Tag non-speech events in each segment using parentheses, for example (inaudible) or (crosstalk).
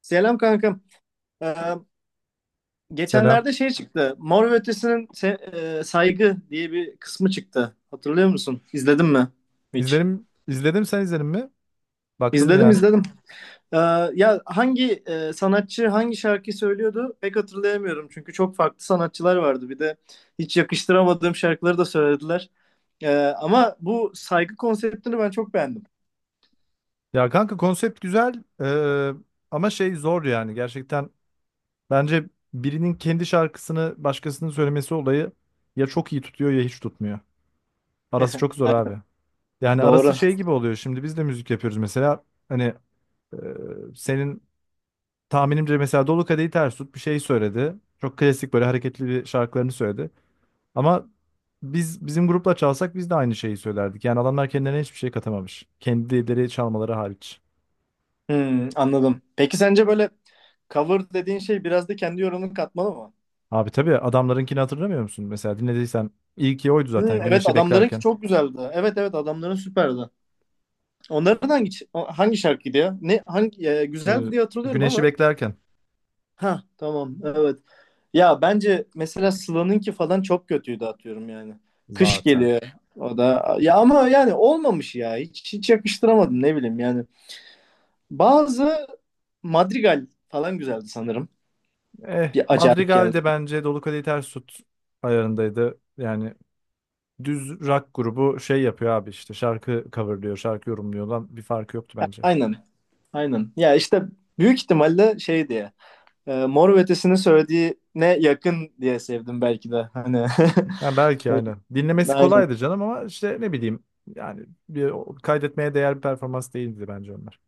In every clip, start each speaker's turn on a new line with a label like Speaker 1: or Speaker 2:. Speaker 1: Selam kankam. Ee,
Speaker 2: Selam.
Speaker 1: Geçenlerde çıktı. Mor ve Ötesi'nin Saygı diye bir kısmı çıktı. Hatırlıyor musun? İzledin mi hiç?
Speaker 2: İzledim, izledim sen izledin mi? Baktın mı
Speaker 1: İzledim
Speaker 2: yani?
Speaker 1: izledim. Ee, Ya hangi sanatçı hangi şarkıyı söylüyordu pek hatırlayamıyorum. Çünkü çok farklı sanatçılar vardı. Bir de hiç yakıştıramadığım şarkıları da söylediler. Ama bu saygı konseptini ben çok beğendim.
Speaker 2: Ya kanka konsept güzel eee, ama şey zor yani gerçekten. Bence birinin kendi şarkısını başkasının söylemesi olayı ya çok iyi tutuyor ya hiç tutmuyor. Arası çok
Speaker 1: (laughs)
Speaker 2: zor abi. Yani arası
Speaker 1: Doğru.
Speaker 2: şey gibi oluyor. Şimdi biz de müzik yapıyoruz mesela. Hani eee, senin tahminimce mesela Dolu Kadehi Ters Tut bir şey söyledi. Çok klasik böyle hareketli bir şarkılarını söyledi. Ama biz bizim grupla çalsak biz de aynı şeyi söylerdik. Yani adamlar kendilerine hiçbir şey katamamış. Kendileri çalmaları hariç.
Speaker 1: Hmm, anladım. Peki sence böyle cover dediğin şey biraz da kendi yorumunu katmalı mı?
Speaker 2: Abi tabii adamlarınkini hatırlamıyor musun? Mesela dinlediysen ilki oydu zaten
Speaker 1: Hı, evet
Speaker 2: Güneşi
Speaker 1: adamlarınki
Speaker 2: Beklerken.
Speaker 1: çok güzeldi. Evet evet, adamların süperdi. Onların hangi şarkıydı ya? Ne hangi güzeldi
Speaker 2: Ee,
Speaker 1: diye hatırlıyorum
Speaker 2: Güneşi
Speaker 1: ama.
Speaker 2: Beklerken
Speaker 1: Ha tamam evet. Ya bence mesela Sıla'nınki falan çok kötüydü atıyorum yani. Kış
Speaker 2: zaten.
Speaker 1: geliyor o da. Ya ama yani olmamış ya. Hiç yakıştıramadım ne bileyim yani. Bazı Madrigal falan güzeldi sanırım.
Speaker 2: Eh
Speaker 1: Bir acayip
Speaker 2: Madrigal
Speaker 1: geldi.
Speaker 2: de bence Dolu Kadehi Ters Tut ayarındaydı. Yani düz rock grubu şey yapıyor abi işte şarkı coverlıyor, şarkı yorumluyor lan bir farkı yoktu bence.
Speaker 1: Aynen. Aynen. Ya işte büyük ihtimalle şeydi ya. Mor ve Ötesi'nin söylediğine yakın diye sevdim belki de. Hani
Speaker 2: Ha, belki aynen.
Speaker 1: (laughs)
Speaker 2: Dinlemesi
Speaker 1: aynen.
Speaker 2: kolaydı canım ama işte ne bileyim yani bir, kaydetmeye değer bir performans değildi bence onlar.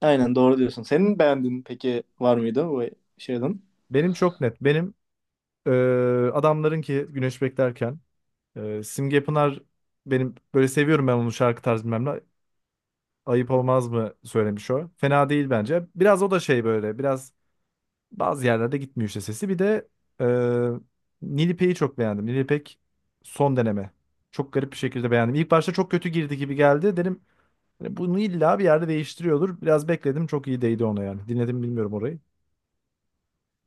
Speaker 1: Aynen doğru diyorsun. Senin beğendiğin peki var mıydı bu şeyden?
Speaker 2: Benim çok net. Benim e, adamların ki Güneş Beklerken, Simge Pınar, benim böyle seviyorum ben onun şarkı tarzı bilmem ne. Ayıp olmaz mı söylemiş o. Fena değil bence. Biraz o da şey böyle biraz bazı yerlerde gitmiyor işte sesi. Bir de e, Nilipe'yi çok beğendim. Nilipek son deneme. Çok garip bir şekilde beğendim. İlk başta çok kötü girdi gibi geldi. Dedim, hani bunu illa bir yerde değiştiriyordur. Biraz bekledim. Çok iyi değdi ona yani. Dinledim bilmiyorum orayı.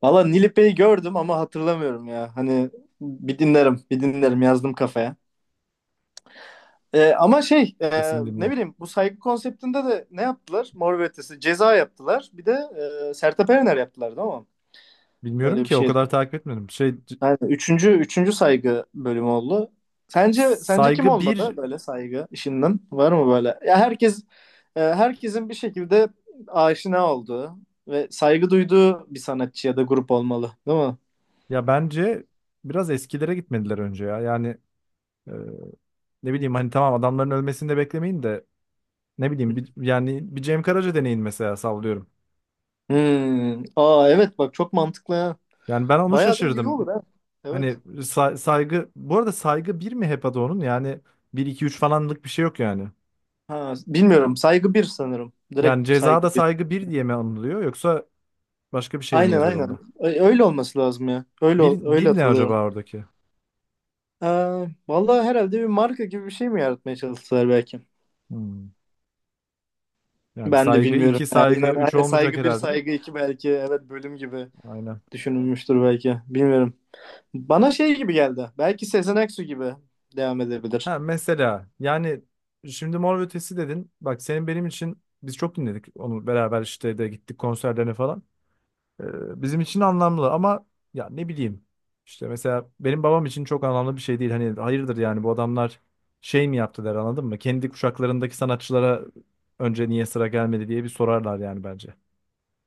Speaker 1: Valla Nilipe'yi gördüm ama hatırlamıyorum ya. Hani bir dinlerim, bir dinlerim, yazdım kafaya. E, ama şey
Speaker 2: Kesin
Speaker 1: ne
Speaker 2: dinle.
Speaker 1: bileyim bu saygı konseptinde de ne yaptılar? Mor ve Ötesi ceza yaptılar. Bir de Sertab Erener yaptılar değil mi?
Speaker 2: Bilmiyorum
Speaker 1: Böyle bir
Speaker 2: ki o
Speaker 1: şey.
Speaker 2: kadar takip etmedim. Şey
Speaker 1: Yani üçüncü saygı bölümü oldu. Sence kim
Speaker 2: saygı
Speaker 1: olmalı
Speaker 2: bir,
Speaker 1: böyle saygı işinden? Var mı böyle? Ya herkes herkesin bir şekilde aşina olduğu ve saygı duyduğu bir sanatçı ya da grup olmalı, değil mi?
Speaker 2: ya bence biraz eskilere gitmediler önce ya. Yani e, ne bileyim hani tamam adamların ölmesini de beklemeyin de ne bileyim bir, yani bir Cem Karaca deneyin mesela sallıyorum.
Speaker 1: Hmm. Aa evet, bak çok mantıklı. Ha.
Speaker 2: Yani ben onu
Speaker 1: Bayağı da iyi olur
Speaker 2: şaşırdım.
Speaker 1: ha. Evet.
Speaker 2: Hani saygı bu arada saygı bir mi hep adı onun? Yani bir 2 3 falanlık bir şey yok yani.
Speaker 1: Ha, bilmiyorum. Saygı bir sanırım. Direkt
Speaker 2: Yani
Speaker 1: saygı
Speaker 2: cezada
Speaker 1: bir.
Speaker 2: saygı bir diye mi anılıyor yoksa başka bir şey mi
Speaker 1: Aynen
Speaker 2: yazıyor
Speaker 1: aynen.
Speaker 2: onda?
Speaker 1: Öyle olması lazım ya.
Speaker 2: Bir,
Speaker 1: Öyle
Speaker 2: bir ne
Speaker 1: hatırlıyorum.
Speaker 2: acaba oradaki?
Speaker 1: Ee, Vallahi herhalde bir marka gibi bir şey mi yaratmaya çalıştılar belki?
Speaker 2: Hmm. Yani
Speaker 1: Ben de
Speaker 2: saygı
Speaker 1: bilmiyorum.
Speaker 2: iki
Speaker 1: Yani
Speaker 2: saygı
Speaker 1: inan,
Speaker 2: üç
Speaker 1: hani
Speaker 2: olmayacak
Speaker 1: saygı bir
Speaker 2: herhalde de.
Speaker 1: saygı iki belki. Evet, bölüm gibi
Speaker 2: Aynen.
Speaker 1: düşünülmüştür belki. Bilmiyorum. Bana şey gibi geldi. Belki Sezen Aksu gibi devam edebilir.
Speaker 2: Ha mesela yani şimdi Mor ve Ötesi dedin. Bak senin benim için biz çok dinledik onu beraber işte de gittik konserlerine falan. Bizim için anlamlı ama ya ne bileyim. İşte mesela benim babam için çok anlamlı bir şey değil. Hani hayırdır yani bu adamlar şey mi yaptı der anladın mı? Kendi kuşaklarındaki sanatçılara önce niye sıra gelmedi diye bir sorarlar yani bence.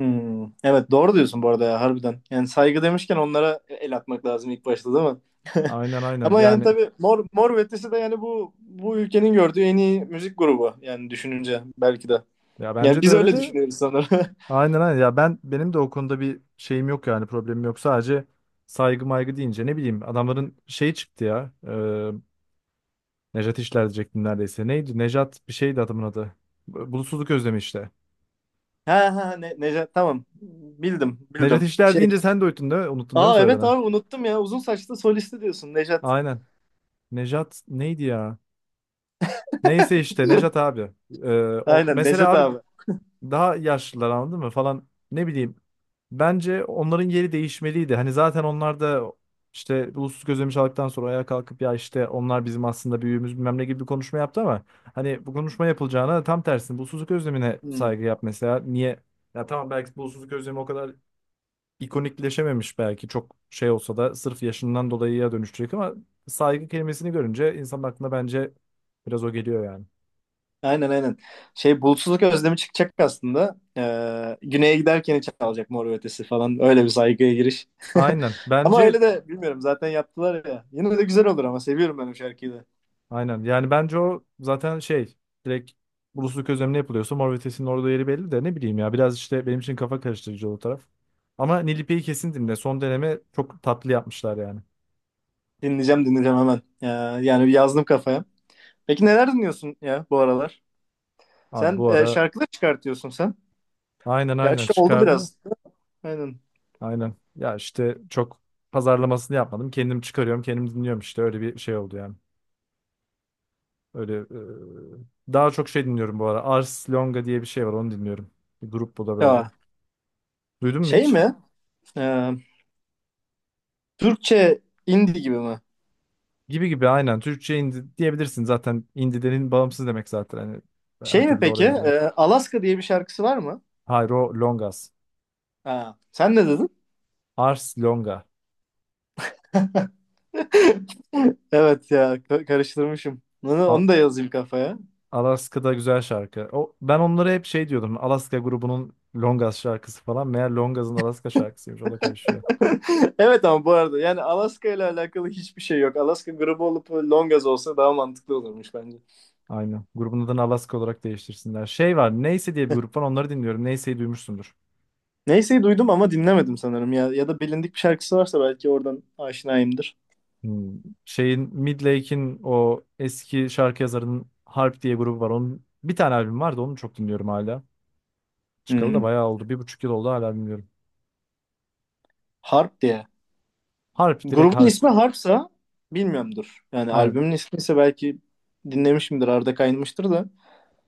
Speaker 1: Hmm. Evet doğru diyorsun bu arada ya, harbiden. Yani saygı demişken onlara el atmak lazım ilk başta değil mi? (laughs)
Speaker 2: Aynen aynen
Speaker 1: Ama yani
Speaker 2: yani,
Speaker 1: tabii Mor ve Ötesi de yani bu bu ülkenin gördüğü en iyi müzik grubu yani düşününce belki de.
Speaker 2: ya
Speaker 1: Yani
Speaker 2: bence de
Speaker 1: biz
Speaker 2: öyle
Speaker 1: öyle
Speaker 2: de.
Speaker 1: düşünüyoruz sanırım. (laughs)
Speaker 2: Aynen aynen ya, ben benim de o konuda bir şeyim yok yani, problemim yok, sadece saygı maygı deyince ne bileyim adamların şey çıktı ya, Nejat İşler diyecektim neredeyse, neydi Nejat bir şeydi adamın adı, Bulutsuzluk Özlemi işte.
Speaker 1: Ha ha ne, Necat tamam, bildim
Speaker 2: Nejat
Speaker 1: bildim.
Speaker 2: İşler
Speaker 1: Şey
Speaker 2: deyince sen de unuttun değil mi, unuttun değil mi
Speaker 1: Aa evet
Speaker 2: soyadını,
Speaker 1: abi, unuttum ya. Uzun saçlı solisti diyorsun, Nejat.
Speaker 2: aynen. Nejat neydi ya, neyse işte Nejat abi. E, o,
Speaker 1: Aynen
Speaker 2: mesela
Speaker 1: Nejat
Speaker 2: abi
Speaker 1: abi.
Speaker 2: daha yaşlılar anladın mı falan, ne bileyim. Bence onların yeri değişmeliydi. Hani zaten onlar da işte ulusuz gözlemi çaldıktan sonra ayağa kalkıp ya işte onlar bizim aslında büyüğümüz bilmem ne gibi bir konuşma yaptı ama hani bu konuşma yapılacağına tam tersine ulusuzluk özlemine
Speaker 1: Hmm.
Speaker 2: saygı yap mesela. Niye? Ya tamam belki ulusuzluk özlemi o kadar ikonikleşememiş, belki çok şey olsa da sırf yaşından dolayı ya dönüşecek, ama saygı kelimesini görünce insanın aklına bence biraz o geliyor yani.
Speaker 1: Aynen aynen. Şey Bulutsuzluk Özlemi çıkacak aslında. Güneye giderken çalacak Mor ve Ötesi falan. Öyle bir saygıya giriş. (laughs)
Speaker 2: Aynen.
Speaker 1: Ama
Speaker 2: Bence
Speaker 1: öyle de bilmiyorum zaten yaptılar ya. Yine de güzel olur ama seviyorum ben o şarkıyı da.
Speaker 2: aynen. Yani bence o zaten şey, direkt Bulusluk özlemine yapılıyorsa Mor ve Ötesi'nin orada yeri belli, de ne bileyim ya biraz işte benim için kafa karıştırıcı o taraf. Ama Nilipe'yi kesin dinle. Son deneme çok tatlı yapmışlar yani.
Speaker 1: Dinleyeceğim hemen. Yani bir yazdım kafaya. Peki neler dinliyorsun ya bu aralar?
Speaker 2: Abi
Speaker 1: Sen
Speaker 2: bu ara
Speaker 1: şarkılar çıkartıyorsun sen.
Speaker 2: aynen aynen
Speaker 1: Gerçi oldu
Speaker 2: çıkardın da.
Speaker 1: biraz. Aynen.
Speaker 2: Aynen. Ya işte çok pazarlamasını yapmadım. Kendim çıkarıyorum, kendim dinliyorum işte. Öyle bir şey oldu yani. Öyle daha çok şey dinliyorum bu ara. Ars Longa diye bir şey var, onu dinliyorum. Bir grup bu da böyle.
Speaker 1: Ya
Speaker 2: Duydun mu
Speaker 1: şey
Speaker 2: hiç?
Speaker 1: mi? Ee, Türkçe indie gibi mi?
Speaker 2: Gibi gibi aynen. Türkçe indi diyebilirsin zaten. İndilerin bağımsız demek zaten. Hani her
Speaker 1: Şey mi
Speaker 2: türlü
Speaker 1: peki?
Speaker 2: oraya giriyor.
Speaker 1: Alaska diye bir şarkısı var mı?
Speaker 2: Hayro Longas.
Speaker 1: Ha, sen ne dedin?
Speaker 2: Ars Longa.
Speaker 1: (laughs) Evet ya, karıştırmışım. Onu,
Speaker 2: Al-
Speaker 1: onu da yazayım kafaya.
Speaker 2: Alaska'da güzel şarkı. O, ben onlara hep şey diyordum, Alaska grubunun Longas şarkısı falan. Meğer Longas'ın Alaska şarkısıymış. O da karışıyor.
Speaker 1: (laughs) Evet ama bu arada yani Alaska ile alakalı hiçbir şey yok. Alaska grubu olup Longaz olsa daha mantıklı olurmuş bence.
Speaker 2: Aynen. Grubun adını Alaska olarak değiştirsinler. Şey var, Neyse diye bir grup var. Onları dinliyorum. Neyse'yi duymuşsundur.
Speaker 1: Neyse duydum ama dinlemedim sanırım ya. Ya da bilindik bir şarkısı varsa belki oradan aşinayımdır.
Speaker 2: Hmm. Şeyin, Midlake'in o eski şarkı yazarının Harp diye grubu var. Onun bir tane albüm vardı. Onu çok dinliyorum hala. Çıkalı da
Speaker 1: Hmm.
Speaker 2: bayağı oldu. 1,5 yıl oldu hala, bilmiyorum.
Speaker 1: Harp diye.
Speaker 2: Harp, direkt
Speaker 1: Grubun
Speaker 2: harp.
Speaker 1: ismi Harpsa bilmiyorumdur. Yani
Speaker 2: Hani
Speaker 1: albümün ismi ise belki dinlemişimdir. Arda kaynamıştır da.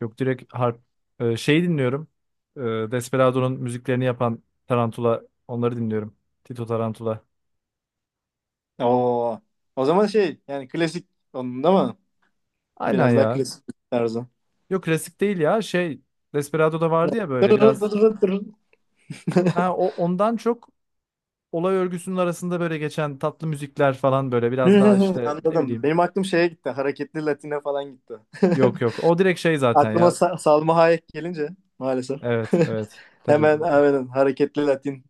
Speaker 2: yok, direkt harp. Şeyi dinliyorum. Ee, Desperado'nun müziklerini yapan Tarantula. Onları dinliyorum. Tito Tarantula.
Speaker 1: Oo. O zaman şey yani klasik onun değil mi?
Speaker 2: Aynen
Speaker 1: Biraz daha
Speaker 2: ya.
Speaker 1: klasik tarzı.
Speaker 2: Yok klasik değil ya. Şey, Desperado'da vardı ya böyle
Speaker 1: Dırırır
Speaker 2: biraz.
Speaker 1: dırırır dırırır.
Speaker 2: Ha, o ondan çok olay örgüsünün arasında böyle geçen tatlı müzikler falan, böyle biraz daha
Speaker 1: (laughs)
Speaker 2: işte ne
Speaker 1: Anladım.
Speaker 2: bileyim.
Speaker 1: Benim aklım şeye gitti. Hareketli Latine falan gitti.
Speaker 2: Yok yok. O direkt şey
Speaker 1: (laughs)
Speaker 2: zaten
Speaker 1: Aklıma
Speaker 2: ya.
Speaker 1: Salma Hayek gelince maalesef. (laughs)
Speaker 2: Evet evet. Tabii
Speaker 1: Hemen hareketli Latin.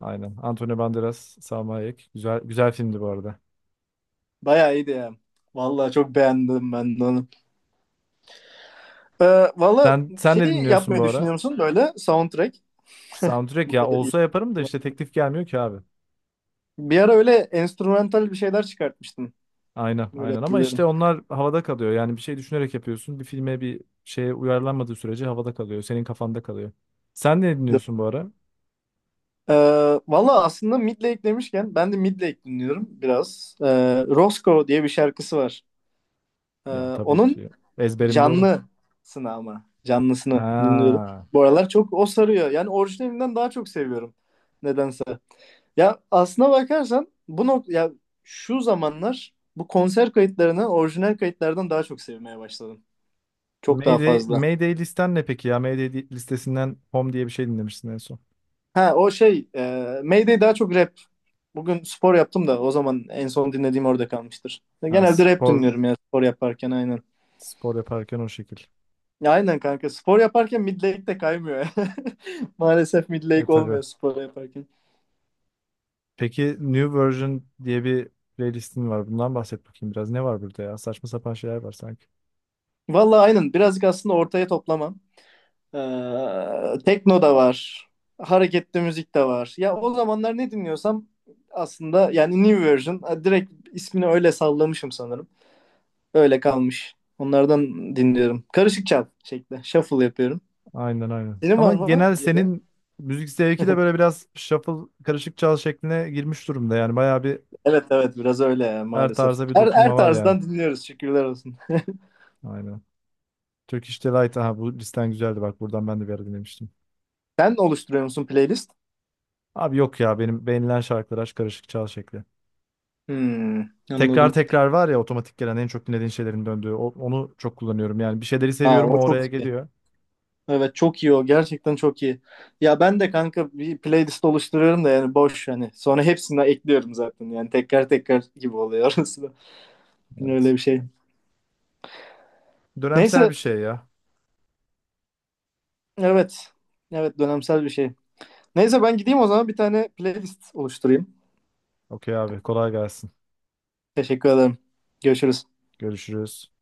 Speaker 2: aynen. Antonio Banderas, Salma Hayek. Güzel güzel filmdi bu arada.
Speaker 1: Bayağı iyiydi ya. Vallahi çok beğendim ben de onu. Ee, Valla
Speaker 2: Sen
Speaker 1: şey
Speaker 2: ne dinliyorsun bu
Speaker 1: yapmayı
Speaker 2: ara?
Speaker 1: düşünüyor musun böyle soundtrack?
Speaker 2: Soundtrack
Speaker 1: Bu
Speaker 2: ya
Speaker 1: kadar iyi.
Speaker 2: olsa yaparım da işte teklif gelmiyor ki abi.
Speaker 1: Bir ara öyle enstrümantal bir şeyler çıkartmıştım.
Speaker 2: Aynen
Speaker 1: Böyle
Speaker 2: aynen ama
Speaker 1: hatırlıyorum.
Speaker 2: işte onlar havada kalıyor. Yani bir şey düşünerek yapıyorsun. Bir filme bir şeye uyarlanmadığı sürece havada kalıyor. Senin kafanda kalıyor. Sen ne dinliyorsun bu ara?
Speaker 1: Ee, Valla aslında Midlake demişken ben de Midlake dinliyorum biraz. Roscoe diye bir şarkısı var. Ee,
Speaker 2: Ya tabii
Speaker 1: Onun
Speaker 2: ki ezberimde oğlum.
Speaker 1: canlısını, ama canlısını dinliyorum.
Speaker 2: Ha.
Speaker 1: Bu aralar çok o sarıyor. Yani orijinalinden daha çok seviyorum nedense. Ya aslına bakarsan bu nok ya şu zamanlar bu konser kayıtlarını orijinal kayıtlardan daha çok sevmeye başladım. Çok daha
Speaker 2: Mayday,
Speaker 1: fazla.
Speaker 2: Mayday listen ne peki ya? Mayday listesinden Home diye bir şey dinlemişsin en son.
Speaker 1: Ha o şey Mayday daha çok rap. Bugün spor yaptım da, o zaman en son dinlediğim orada kalmıştır.
Speaker 2: Ha,
Speaker 1: Genelde rap
Speaker 2: spor,
Speaker 1: dinliyorum ya spor yaparken, aynen.
Speaker 2: spor yaparken o şekil.
Speaker 1: Ya aynen kanka, spor yaparken Midlake de kaymıyor. (laughs) Maalesef
Speaker 2: E
Speaker 1: Midlake
Speaker 2: tabii.
Speaker 1: olmuyor spor yaparken.
Speaker 2: Peki New Version diye bir playlistin var. Bundan bahset bakayım biraz. Ne var burada ya? Saçma sapan şeyler var sanki.
Speaker 1: Vallahi aynen, birazcık aslında ortaya toplamam. Tekno da var. Hareketli müzik de var. Ya o zamanlar ne dinliyorsam aslında, yani New Version direkt ismini öyle sallamışım sanırım. Öyle kalmış. Onlardan dinliyorum. Karışık çal şekli. Shuffle yapıyorum.
Speaker 2: Aynen aynen.
Speaker 1: Senin
Speaker 2: Ama
Speaker 1: var mı
Speaker 2: genel
Speaker 1: yeni?
Speaker 2: senin müzik zevki de böyle biraz shuffle, karışık çal şekline girmiş durumda. Yani bayağı bir
Speaker 1: Evet evet biraz öyle ya,
Speaker 2: her
Speaker 1: maalesef.
Speaker 2: tarza bir
Speaker 1: Her
Speaker 2: dokunma var yani.
Speaker 1: tarzdan dinliyoruz şükürler olsun.
Speaker 2: Aynen. Turkish Delight. Aha bu listen güzeldi bak. Buradan ben de bir ara dinlemiştim.
Speaker 1: (laughs) Sen oluşturuyor musun playlist?
Speaker 2: Abi yok ya, benim beğenilen şarkılar aç, karışık çal şekli.
Speaker 1: Hmm,
Speaker 2: Tekrar
Speaker 1: anladım.
Speaker 2: tekrar var ya, otomatik gelen en çok dinlediğin şeylerin döndüğü. Onu çok kullanıyorum. Yani bir şeyleri
Speaker 1: Aa
Speaker 2: seviyorum o
Speaker 1: o çok
Speaker 2: oraya
Speaker 1: iyi.
Speaker 2: geliyor.
Speaker 1: Evet çok iyi, o gerçekten çok iyi. Ya ben de kanka bir playlist oluşturuyorum da yani boş hani. Sonra hepsini ekliyorum zaten, yani tekrar tekrar gibi oluyor (laughs) orası da. Öyle
Speaker 2: Evet.
Speaker 1: bir şey.
Speaker 2: Dönemsel
Speaker 1: Neyse,
Speaker 2: bir şey ya.
Speaker 1: evet. Evet, dönemsel bir şey. Neyse ben gideyim o zaman, bir tane playlist oluşturayım.
Speaker 2: Okey abi, kolay gelsin.
Speaker 1: Teşekkür ederim. Görüşürüz.
Speaker 2: Görüşürüz.